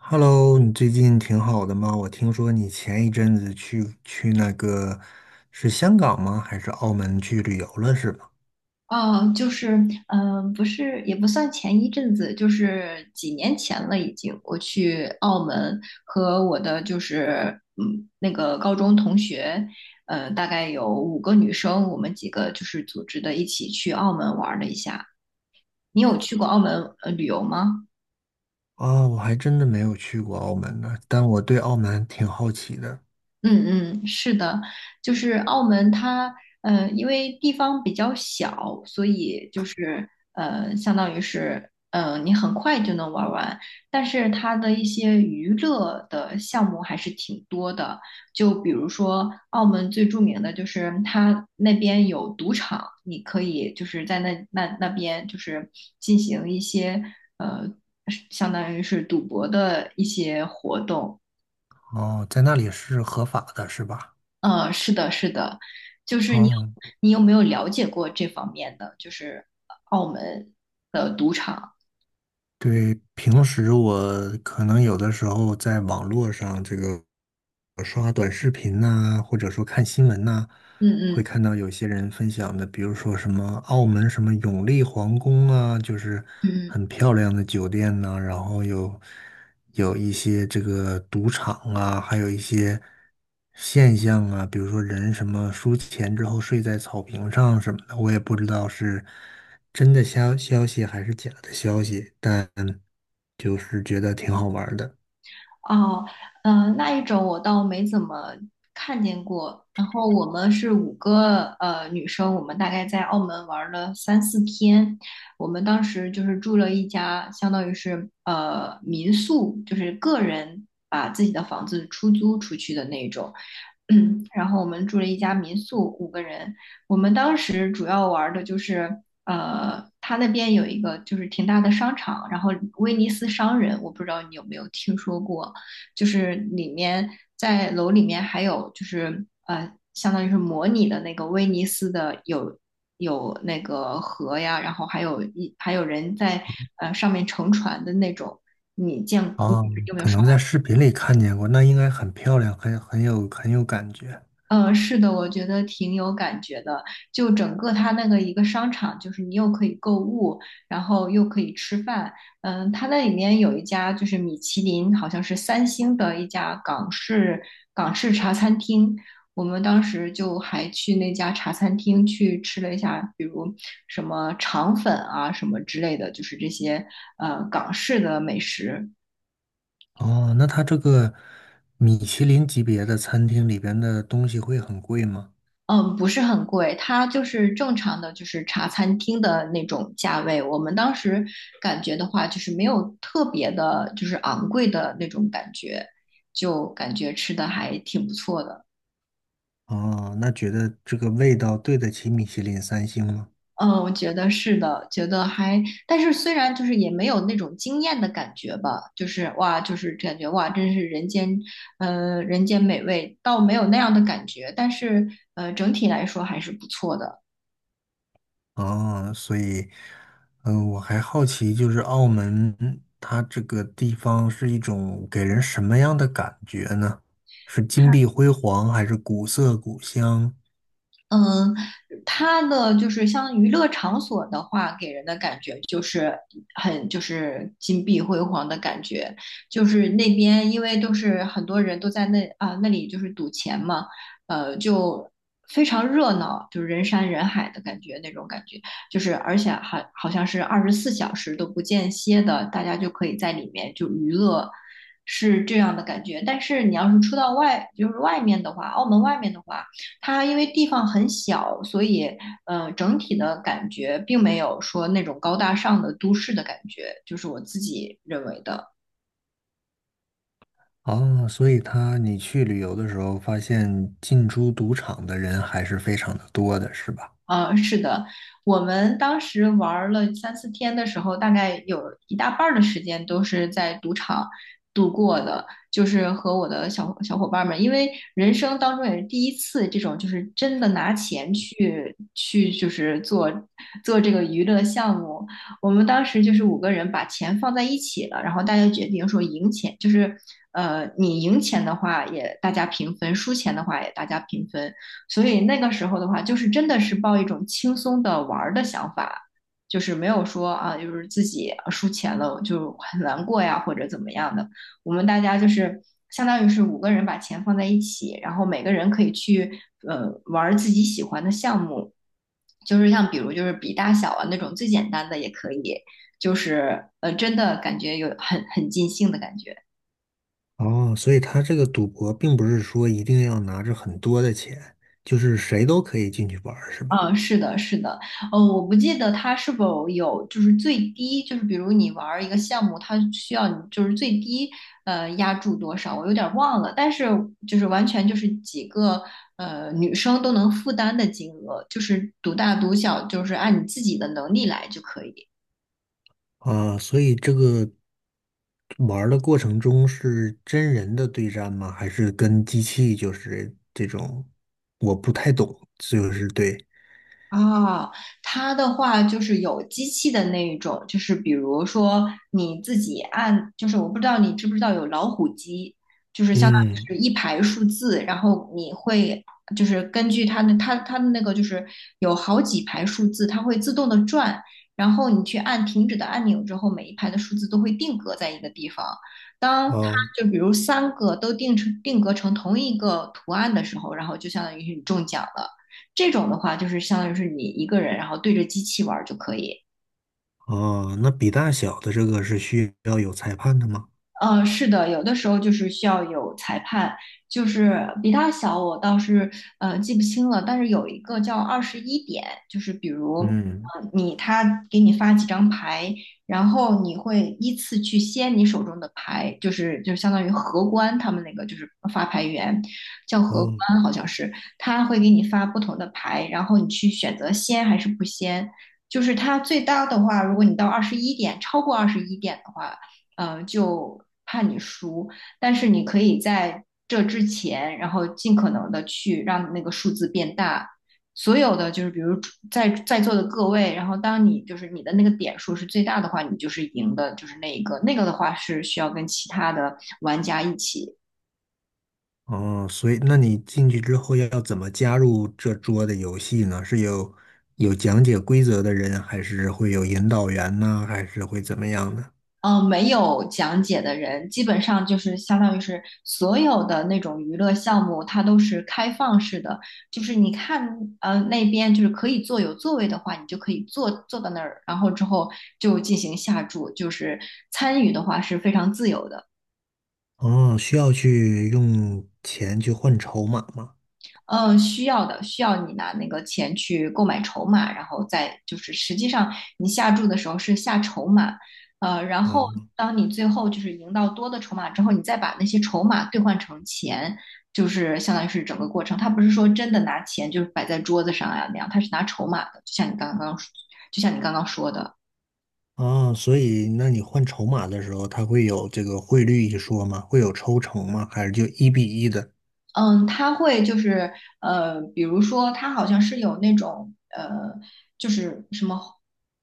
Hello，你最近挺好的吗？我听说你前一阵子去那个是香港吗？还是澳门去旅游了是吧？哦，就是，嗯、不是，也不算前一阵子，就是几年前了，已经。我去澳门和我的就是，那个高中同学，大概有五个女生，我们几个就是组织的一起去澳门玩了一下。你有去过澳门旅游吗？啊，我还真的没有去过澳门呢，但我对澳门挺好奇的。嗯嗯，是的，就是澳门它，因为地方比较小，所以就是相当于是，你很快就能玩完。但是它的一些娱乐的项目还是挺多的，就比如说澳门最著名的就是它那边有赌场，你可以就是在那边就是进行一些呃，相当于是赌博的一些活动。哦，在那里是合法的是吧？是的，是的，就是你有，哦，你有没有了解过这方面的，就是澳门的赌场？对，平时我可能有的时候在网络上这个刷短视频呐、或者说看新闻呐、嗯会嗯看到有些人分享的，比如说什么澳门什么永利皇宫啊，就是嗯，很漂亮的酒店呐、然后有一些这个赌场啊，还有一些现象啊，比如说人什么输钱之后睡在草坪上什么的，我也不知道是真的消息还是假的消息，但就是觉得挺好玩儿的。哦，那一种我倒没怎么看见过。然后我们是五个女生，我们大概在澳门玩了三四天。我们当时就是住了一家，相当于是民宿，就是个人把自己的房子出租出去的那种。然后我们住了一家民宿，五个人。我们当时主要玩的就是，他那边有一个就是挺大的商场，然后威尼斯商人，我不知道你有没有听说过，就是在楼里面还有就是相当于是模拟的那个威尼斯的有那个河呀，然后还有人在上面乘船的那种，你啊。有没有？可刷？能在视频里看见过，那应该很漂亮，很有感觉。是的，我觉得挺有感觉的。就整个它那个一个商场，就是你又可以购物，然后又可以吃饭。它那里面有一家就是米其林，好像是三星的一家港式茶餐厅。我们当时就还去那家茶餐厅去吃了一下，比如什么肠粉啊什么之类的，就是这些港式的美食。哦，那它这个米其林级别的餐厅里边的东西会很贵吗？嗯，不是很贵，它就是正常的，就是茶餐厅的那种价位。我们当时感觉的话，就是没有特别的，就是昂贵的那种感觉，就感觉吃的还挺不错的。哦，那觉得这个味道对得起米其林三星吗？嗯，我觉得是的，觉得还，但是虽然就是也没有那种惊艳的感觉吧，就是哇，就是感觉哇，真是人间，人间美味，倒没有那样的感觉，但是整体来说还是不错的。哦，所以，我还好奇，就是澳门它这个地方是一种给人什么样的感觉呢？是金碧辉煌，还是古色古香？嗯，它的就是像娱乐场所的话，给人的感觉就是很就是金碧辉煌的感觉，就是那边因为都是很多人都在那里就是赌钱嘛，就非常热闹，就是人山人海的那种感觉，就是而且还好像是24小时都不间歇的，大家就可以在里面就娱乐。是这样的感觉，但是你要是出到外，就是外面的话，澳门外面的话。它因为地方很小，所以整体的感觉并没有说那种高大上的都市的感觉，就是我自己认为的。哦，所以它你去旅游的时候，发现进出赌场的人还是非常的多的，是吧？是的，我们当时玩儿了三四天的时候，大概有一大半儿的时间都是在赌场度过的，就是和我的小伙伴们，因为人生当中也是第一次这种，就是真的拿钱去就是做这个娱乐项目。我们当时就是五个人把钱放在一起了，然后大家决定说赢钱，就是你赢钱的话也大家平分，输钱的话也大家平分。所以那个时候的话，就是真的是抱一种轻松的玩儿的想法，就是没有说啊，就是自己啊输钱了就很难过呀，或者怎么样的。我们大家就是相当于是五个人把钱放在一起，然后每个人可以去玩儿自己喜欢的项目，就是像比如就是比大小啊那种最简单的也可以，就是真的感觉有很尽兴的感觉。哦，所以他这个赌博并不是说一定要拿着很多的钱，就是谁都可以进去玩儿是吧？嗯，是的，是的，我不记得它是否有，就是最低，就是比如你玩儿一个项目，它需要你就是最低，压注多少，我有点儿忘了，但是就是完全就是几个女生都能负担的金额，就是独大独小，就是按你自己的能力来就可以。啊，所以这个玩儿的过程中是真人的对战吗？还是跟机器就是这种？我不太懂，就是对，啊，它的话就是有机器的那一种，就是比如说你自己按，就是我不知道你知不知道有老虎机，就是相当嗯，于是一排数字，然后你会就是根据它的那个就是有好几排数字，它会自动的转，然后你去按停止的按钮之后，每一排的数字都会定格在一个地方。当它哦就比如三个都定格成同一个图案的时候，然后就相当于是你中奖了。这种的话，就是相当于是你一个人，然后对着机器玩就可以。哦，那比大小的这个是需要有裁判的吗？是的，有的时候就是需要有裁判，就是比他小，我倒是记不清了，但是有一个叫二十一点，就是比如嗯，他给你发几张牌，然后你会依次去掀你手中的牌，就是就相当于荷官他们那个就是发牌员叫荷哦。官好像是，他会给你发不同的牌，然后你去选择掀还是不掀。就是它最大的话，如果你到二十一点，超过二十一点的话。就怕你输。但是你可以在这之前，然后尽可能的去让那个数字变大。所有的就是，比如在座的各位，然后当你就是你的那个点数是最大的话，你就是赢的，就是那一个。那个的话是需要跟其他的玩家一起哦，所以那你进去之后要怎么加入这桌的游戏呢？是有讲解规则的人，还是会有引导员呢？还是会怎么样呢？没有讲解的人，基本上就是相当于是所有的那种娱乐项目，它都是开放式的，就是你看，那边就是可以坐有座位的话，你就可以坐到那儿，然后之后就进行下注，就是参与的话是非常自由的。哦，需要去用钱去换筹码吗？嗯，需要的，需要你拿那个钱去购买筹码，然后再就是实际上你下注的时候是下筹码，然后哦，当你最后就是赢到多的筹码之后，你再把那些筹码兑换成钱，就是相当于是整个过程。他不是说真的拿钱就是摆在桌子上啊那样，他是拿筹码的，就像你刚刚说的。哦，所以那你换筹码的时候，他会有这个汇率一说吗？会有抽成吗？还是就一比一的？嗯，他会就是比如说他好像是有那种就是什么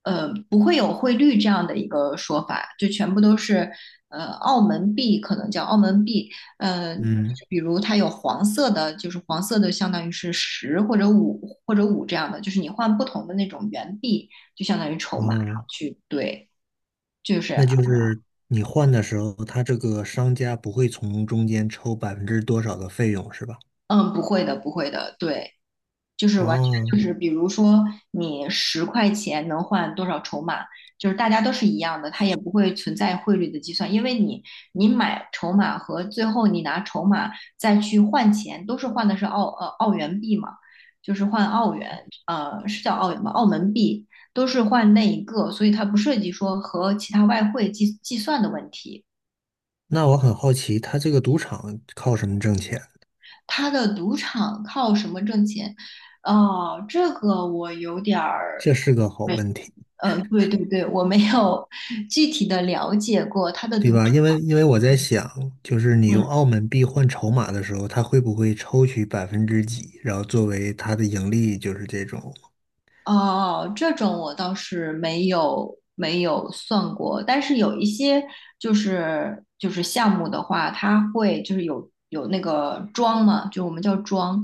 不会有汇率这样的一个说法，就全部都是澳门币，可能叫澳门币，呃，嗯，比如它有黄色的，就是黄色的相当于是十或者五这样的，就是你换不同的那种元币，就相当于筹码，然后哦，去兑，就是那就是你换的时候，他这个商家不会从中间抽百分之多少的费用是吧？嗯，不会的，不会的，对。就是完全哦，就是，比如说你10块钱能换多少筹码，就是大家都是一样的，它也不会存在汇率的计算，因为你买筹码和最后你拿筹码再去换钱，都是换的是澳元币嘛，就是换澳元，是叫澳元吧，澳门币都是换那一个，所以它不涉及说和其他外汇计算的问题。那我很好奇，他这个赌场靠什么挣钱？它的赌场靠什么挣钱？哦，这个我有点儿这是个好问题，对对对，我没有具体的了解过它的赌对场。吧？因为我在想，就是你用嗯，澳门币换筹码的时候，他会不会抽取百分之几，然后作为他的盈利，就是这种。哦，这种我倒是没有算过，但是有一些就是项目的话，它会就是有那个庄嘛，就我们叫庄，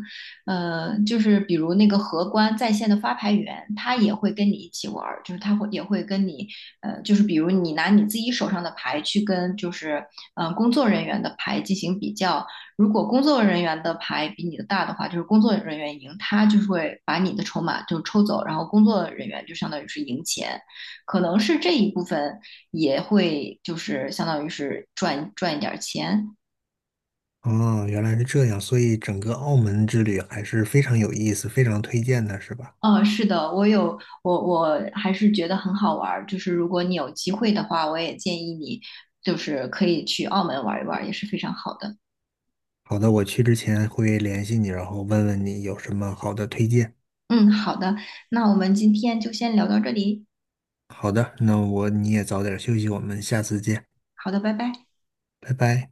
就是比如那个荷官在线的发牌员，他也会跟你一起玩儿，就是也会跟你，就是比如你拿你自己手上的牌去跟就是工作人员的牌进行比较。如果工作人员的牌比你的大的话，就是工作人员赢，他就会把你的筹码就抽走，然后工作人员就相当于是赢钱，可能是这一部分也会就是相当于是赚一点钱。哦，原来是这样，所以整个澳门之旅还是非常有意思，非常推荐的，是吧？哦，是的，我有我我还是觉得很好玩儿，就是如果你有机会的话，我也建议你就是可以去澳门玩一玩，也是非常好的。好的，我去之前会联系你，然后问问你有什么好的推荐。嗯，好的，那我们今天就先聊到这里。好的，那我你也早点休息，我们下次见，好的，拜拜。拜拜。